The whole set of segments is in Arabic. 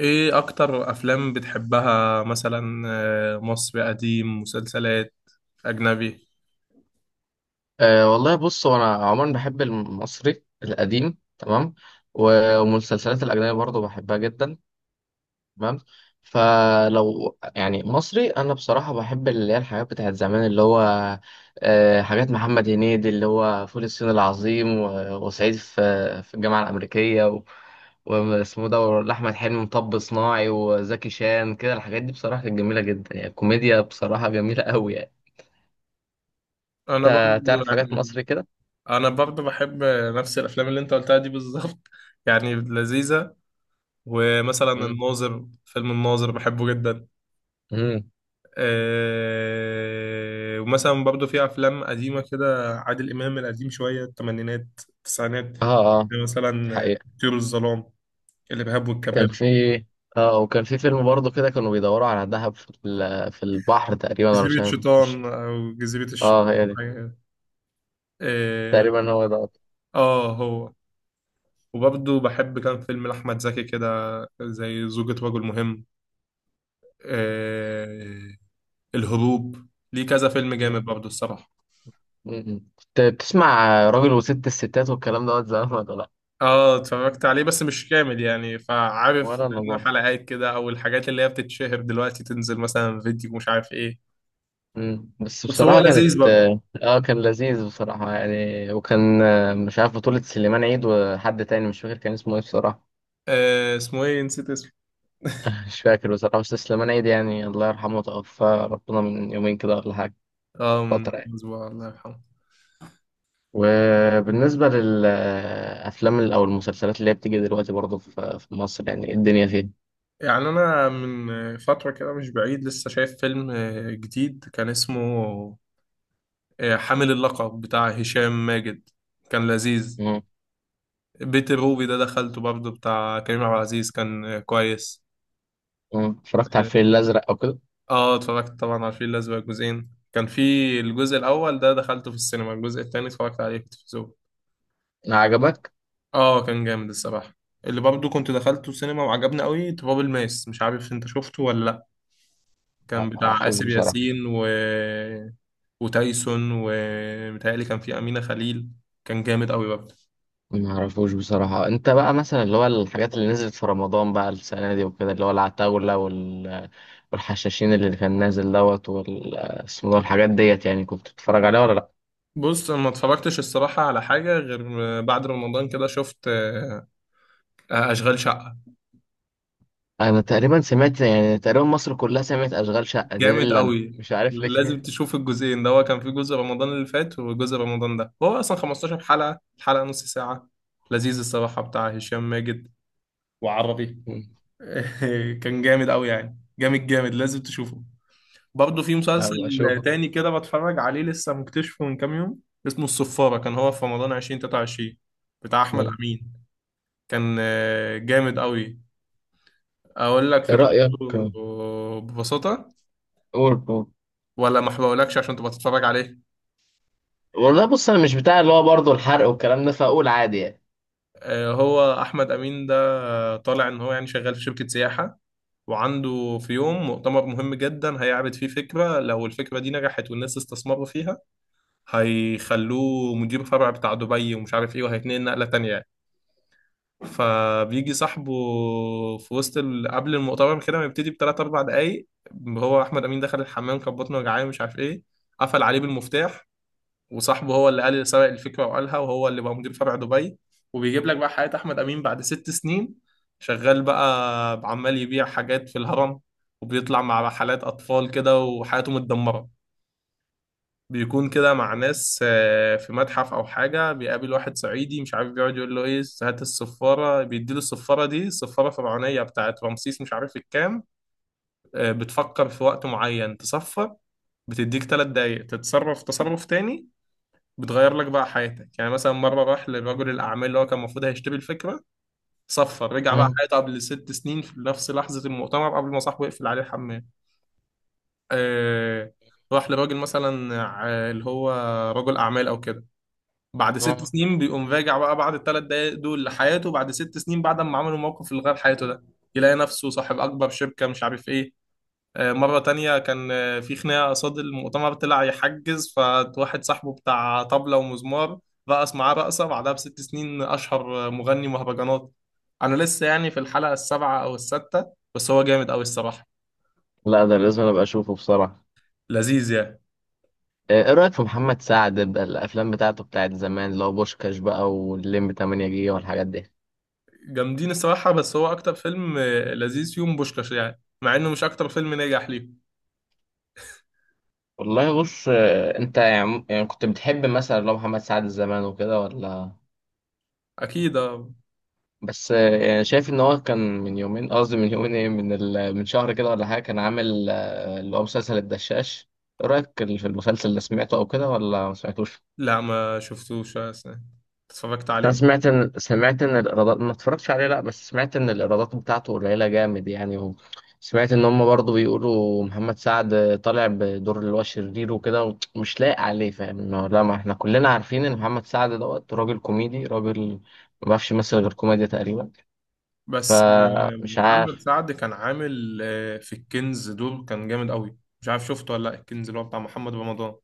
ايه اكتر افلام بتحبها مثلا؟ مصري قديم، مسلسلات، اجنبي. والله بص هو انا عموما بحب المصري القديم. تمام. والمسلسلات الاجنبيه برضو بحبها جدا. تمام. فلو يعني مصري انا بصراحه بحب اللي هي الحاجات بتاعت زمان اللي هو حاجات محمد هنيدي اللي هو فول الصين العظيم وصعيدي في الجامعه الامريكيه واسمه ده احمد حلمي، مطب صناعي، وزكي شان، كده الحاجات دي بصراحه كانت جميله جدا، يعني الكوميديا بصراحه جميله قوي يعني. انا برضو انت تعرف حاجات يعني مصري كده؟ انا برضو بحب نفس الافلام اللي انت قلتها دي بالظبط، يعني لذيذة. ومثلا مم. الناظر، الناظر بحبه جدا. مم. إيه، ومثلا برضو في افلام قديمة كده، عادل امام القديم شوية، الثمانينات، التسعينات. اه اه. يعني مثلا حقيقة طيور الظلام، الارهاب كان والكباب، في، اه، وكان في فيلم برضه كده كانوا بيدوروا على دهب في في البحر تقريبا، انا مش جزيرة عارف، مش. شيطان او جزيرة اه هي دي. الشيطان. إيه، تقريبا هو ده. اه هو. وبرضه بحب كام فيلم لأحمد زكي كده، زي زوجة رجل مهم، إيه، الهروب. ليه كذا فيلم جامد مم. برضه الصراحة. مم. كنت بتسمع راجل وست الستات والكلام دوت زمان ولا لا؟ اه، اتفرجت عليه بس مش كامل، يعني فعارف ولا انا منه برضه. حلقات كده، او الحاجات اللي هي بتتشهر دلوقتي تنزل مثلا فيديو مش عارف ايه. مم. بس بس هو بصراحة كانت، لذيذ برضه. اه، كان لذيذ بصراحة يعني. وكان مش عارف، بطولة سليمان عيد وحد تاني مش فاكر كان اسمه ايه بصراحة. آه اسمه ايه، نسيت اسمه. مش فاكر بصراحة، بس سليمان عيد يعني الله يرحمه، توفى ربنا من يومين كده ولا حاجة، اه، من فترة يعني. اسبوع، الله يرحمه. وبالنسبة للأفلام أو المسلسلات اللي هي بتيجي دلوقتي برضه في مصر، يعني إيه الدنيا فيها. يعني انا من فترة كده مش بعيد لسه شايف فيلم جديد كان اسمه حامل اللقب بتاع هشام ماجد، كان لذيذ. مم. بيت الروبي ده دخلته برضه، بتاع كريم عبد العزيز، كان كويس. مم. اتفرجت على الفيل اه، الأزرق أو كده؟ اتفرجت طبعا على الفيل الأزرق جزئين. كان في الجزء الأول ده دخلته في السينما، الجزء التاني اتفرجت عليه في التلفزيون. عجبك؟ اه كان جامد الصراحة. اللي برضه كنت دخلته السينما وعجبني قوي تراب الماس، مش عارف انت شفته ولا لأ. لا كان ما بتاع عرفوش آسر بصراحة. ياسين وتايسون، ومتهيألي كان فيه أمينة خليل. كان جامد قوي. ما عرفوش بصراحة. أنت بقى مثلا اللي هو الحاجات اللي نزلت في رمضان بقى السنة دي وكده، اللي هو العتاولة والحشاشين اللي كان نازل دوت، وال اسمه ده، الحاجات ديت، يعني كنت بتتفرج عليها ولا لأ؟ بص أنا ما اتفرجتش الصراحة على حاجة غير بعد رمضان كده، شفت أشغال شقة. أنا تقريبا سمعت، يعني تقريبا مصر كلها سمعت أشغال شقة دي، جامد اللي أنا قوي، مش عارف لازم ليه. تشوف الجزئين. ده هو كان في جزء رمضان اللي فات وجزء رمضان ده، هو أصلا 15 حلقة، الحلقة نص ساعة. لذيذ الصراحة، بتاع هشام ماجد وعربي. كان جامد قوي يعني، جامد جامد، لازم تشوفه. برضه في مسلسل أبقى أشوفها. تاني كده بتفرج عليه لسه، مكتشفه من كام يوم، اسمه الصفارة، كان هو في رمضان 2023، بتاع أحمد أمين. كان جامد قوي. اقول لك ايه رأيك؟ فكرته ببساطه، قول قول. ولا ما بقولكش عشان تبقى تتفرج عليه؟ والله بص انا مش بتاع اللي هو برضه الحرق والكلام ده، فاقول عادي يعني. هو احمد امين ده طالع ان هو يعني شغال في شركه سياحه، وعنده في يوم مؤتمر مهم جدا هيعرض فيه فكره، لو الفكره دي نجحت والناس استثمروا فيها هيخلوه مدير فرع بتاع دبي ومش عارف ايه، وهيتنقل نقله تانية يعني. فبيجي صاحبه في وسط قبل المؤتمر كده، ما يبتدي بثلاث اربع دقايق، هو احمد امين دخل الحمام، كان بطنه وجعان مش عارف ايه، قفل عليه بالمفتاح. وصاحبه هو اللي قال اللي سبق الفكره وقالها، وهو اللي بقى مدير فرع دبي. وبيجيب لك بقى حياه احمد امين بعد 6 سنين، شغال بقى عمال يبيع حاجات في الهرم، وبيطلع مع رحلات اطفال كده، وحياته متدمره. بيكون كده مع ناس في متحف او حاجه، بيقابل واحد صعيدي مش عارف، بيقعد يقول له ايه، هات الصفاره، بيديله الصفاره، دي صفاره فرعونيه بتاعت رمسيس مش عارف الكام. بتفكر في وقت معين تصفر، بتديك 3 دقايق تتصرف تصرف تاني، بتغير لك بقى حياتك. يعني مثلا مرة راح لرجل الأعمال اللي هو كان المفروض هيشتري الفكرة، صفر، رجع بقى مم. حياته قبل 6 سنين في نفس لحظة المؤتمر قبل ما صاحبه يقفل عليه الحمام. آه، راح لراجل مثلا اللي هو رجل أعمال أو كده، بعد ست مم. سنين بيقوم راجع بقى بعد ال3 دقايق دول لحياته بعد 6 سنين، بعد ما عملوا موقف اللي غير حياته ده، يلاقي نفسه صاحب أكبر شركة مش عارف إيه. مرة تانية كان في خناقة قصاد المؤتمر، طلع يحجز، فواحد صاحبه بتاع طبلة ومزمار رقص معاه رقصة، بعدها ب6 سنين أشهر مغني مهرجانات. أنا لسه يعني في الحلقة السابعة أو الستة، بس هو جامد أوي الصراحة. لا ده لازم أنا ابقى اشوفه بصراحه. لذيذ يعني. ايه، إيه رايك في محمد سعد بقى، الافلام بتاعته بتاعت زمان اللي هو بوشكاش بقى واللمبي 8 جيجا والحاجات دي؟ جامدين الصراحة، بس هو أكتر فيلم لذيذ فيهم بوشكاش، يعني مع إنه مش أكتر فيلم نجح ليه. والله بص انت يعني، كنت بتحب مثلا لو محمد سعد زمان وكده ولا؟ أكيد آه. بس يعني شايف ان هو كان من يومين، قصدي من يومين، ايه، من شهر كده ولا حاجه، كان عامل اللي هو مسلسل الدشاش. ايه رايك في المسلسل؟ اللي سمعته او كده ولا ما سمعتوش؟ لا ما شفتوش. اتفرجت انا عليه. سمعت ان، سمعت ان الايرادات، ما اتفرجتش عليه لا، بس سمعت ان الايرادات بتاعته قليله جامد يعني. وسمعت ان هم برضو بيقولوا محمد سعد طالع بدور اللي هو شرير وكده ومش لايق عليه، فاهم إنه لا، ما احنا كلنا عارفين ان محمد سعد دوت راجل كوميدي، راجل ما بيعرفش يمثل غير كوميديا تقريبا، بس فمش محمد عارف. سعد كان عامل في الكنز دور كان جامد قوي، مش عارف شفته ولا لا، الكنز اللي هو بتاع محمد رمضان.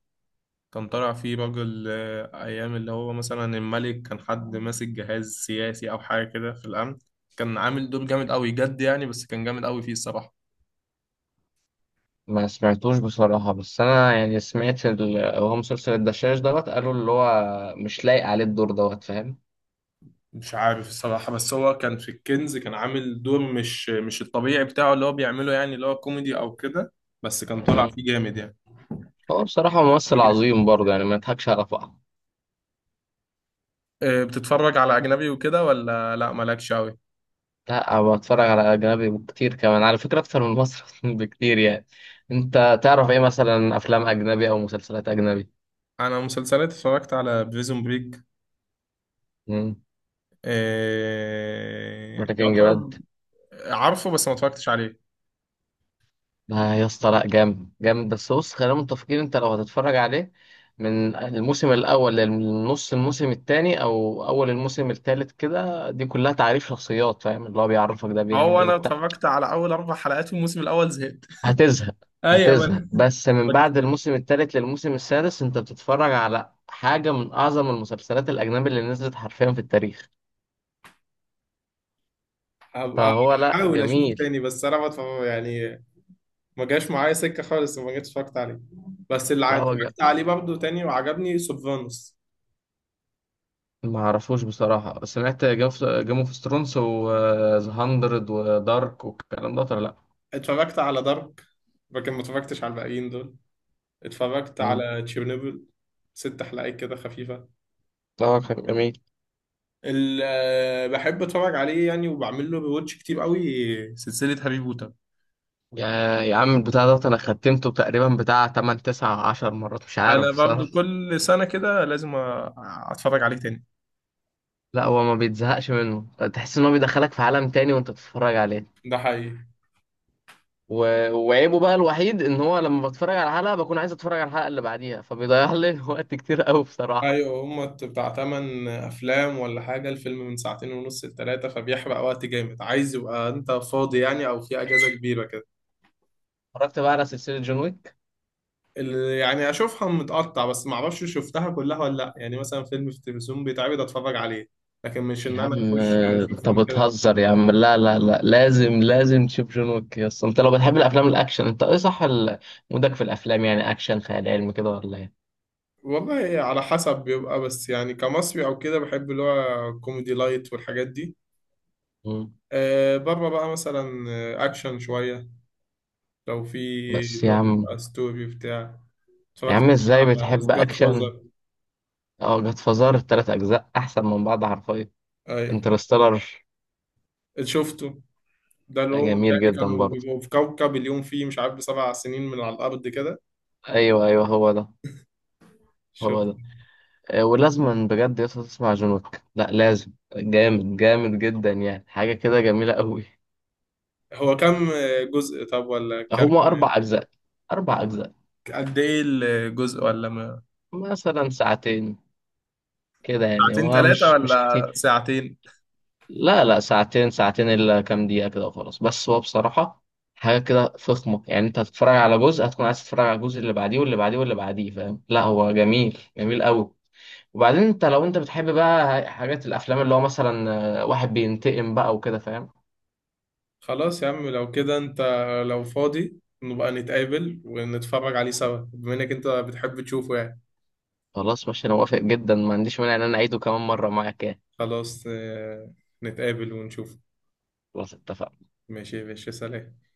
كان طالع فيه راجل ايام اللي هو مثلا الملك، كان حد ماسك جهاز سياسي او حاجه كده في الامن، كان عامل دور جامد قوي جد يعني، بس كان جامد قوي فيه الصراحه. ما سمعتوش بصراحة، بس أنا يعني سمعت هو مسلسل الدشاش دوت، قالوا اللي هو مش لايق عليه الدور دوت، فاهم. مش عارف الصراحه، بس هو كان في الكنز كان عامل دور مش الطبيعي بتاعه اللي هو بيعمله، يعني اللي هو كوميدي او كده، بس كان طالع مم. فيه جامد يعني. هو بصراحة ممثل أوكي. عظيم برضه يعني، ما يضحكش على بعض. بتتفرج على اجنبي وكده ولا لا، مالكش قوي؟ لا أنا بتفرج على أجنبي كتير، كمان على فكرة أكتر من مصر بكتير يعني. أنت تعرف إيه مثلا أفلام أجنبي أو مسلسلات أجنبي؟ انا مسلسلات اتفرجت على بريزون بريك. بريكنج يعتبر. باد. عارفه بس ما اتفرجتش عليه. ما يا اسطى لا، جامد جامد، بس بص خلينا متفقين، انت لو هتتفرج عليه من الموسم الاول للنص الموسم الثاني او اول الموسم الثالث كده، دي كلها تعريف شخصيات، فاهم، اللي هو بيعرفك ده بيعمل هو ايه انا وبتاع. اتفرجت على اول 4 حلقات والموسم الاول زهقت. هتزهق. ايوه ما هتزهق، انا بس من بعد بك- الموسم الثالث للموسم السادس انت بتتفرج على حاجة من اعظم المسلسلات الاجنبي اللي نزلت حرفيا في التاريخ. هبقى فهو لا، احاول اشوفه جميل. تاني، بس انا ما اتفرج- يعني ما جاش معايا سكه خالص، وما جيتش اتفرجت عليه. بس اللي لا هو جميل. اتفرجت عليه برضه تاني وعجبني سوفانوس. ما اعرفوش بصراحة. سمعت جيم اوف ثرونز وذا هاندرد ودارك والكلام ده ولا لا؟ اتفرجت على دارك، لكن ما اتفرجتش على الباقيين دول. اتفرجت مم. على تشيرنوبل، 6 حلقات كده خفيفه. اه كان جميل. بحب اتفرج عليه يعني، وبعمل له ريواتش كتير قوي. سلسلة هاري بوتر، يا، يا عم البتاع ده انا ختمته تقريبا بتاع 8 9 10 مرات مش انا عارف برضه بصراحة. كل سنة كده لازم اتفرج عليه تاني. لا هو ما بيتزهقش منه، تحس ان هو بيدخلك في عالم تاني وانت بتتفرج عليه. ده حقيقي. و... وعيبه بقى الوحيد ان هو لما بتفرج على حلقة بكون عايز اتفرج على الحلقة اللي بعديها، فبيضيع لي وقت كتير قوي بصراحة. ايوه هما بتاع 8 افلام ولا حاجة، الفيلم من ساعتين ونص لتلاتة، فبيحرق وقت جامد، عايز يبقى انت فاضي يعني او في اجازة كبيرة كده. اتفرجت بقى على سلسلة جون ويك؟ يعني اشوفها متقطع، بس ما اعرفش شفتها كلها ولا لا، يعني مثلا فيلم في التلفزيون بيتعرض اتفرج عليه، لكن مش يا ان انا عم اخش انت اشوفهم كده. بتهزر يا عم، لا لا لا، لازم لازم تشوف جون ويك يا اسطى، انت لو بتحب الافلام الاكشن، انت ايه صح مودك في الافلام، يعني اكشن خيال علمي كده ولا ايه؟ والله على حسب بيبقى، بس يعني كمصري او كده بحب اللي هو كوميدي لايت والحاجات دي، مم. آه بره بقى مثلا اكشن شويه لو في بس اللي يا هو عم، بيبقى ستوري بتاع. يا اتفرجت عم مثلاً ازاي على ذا بتحب جاد اكشن. فازر. اه جاد فازار التلات اجزاء احسن من بعض حرفيا. اي انترستيلر شفته، ده اللي هو جميل بيتهيألي جدا كانوا برضه. بيبقوا في كوكب اليوم فيه مش عارف ب7 سنين من على الارض كده. ايوه ايوه هو ده. هو شفت. ده. اه، ولازم بجد يا اسطى تسمع جون ويك، لا لازم، جامد جامد جدا يعني، حاجه كده جميله قوي. هو كام جزء طب ولا كام، هما اربع اجزاء. اربع اجزاء. قد ايه الجزء ولا ما، مثلا ساعتين كده يعني، ساعتين هو ثلاثه مش ولا كتير. ساعتين. لا لا ساعتين، ساعتين الا كام دقيقة كده وخلاص. بس هو بصراحة حاجة كده فخمة يعني، انت هتتفرج على جزء هتكون عايز تتفرج على الجزء اللي بعديه واللي بعديه واللي بعديه، فاهم، لا هو جميل، جميل قوي. وبعدين انت لو انت بتحب بقى حاجات الافلام اللي هو مثلا، واحد بينتقم بقى وكده فاهم. خلاص يا عم لو كده، انت لو فاضي نبقى نتقابل ونتفرج عليه سوا، بما انك انت بتحب تشوفه يعني. خلاص ماشي انا موافق جدا، ما عنديش مانع ان انا اعيده كمان مرة معاك يعني. خلاص نتقابل ونشوف. خلاص اتفقنا. ماشي يا باشا، سلام.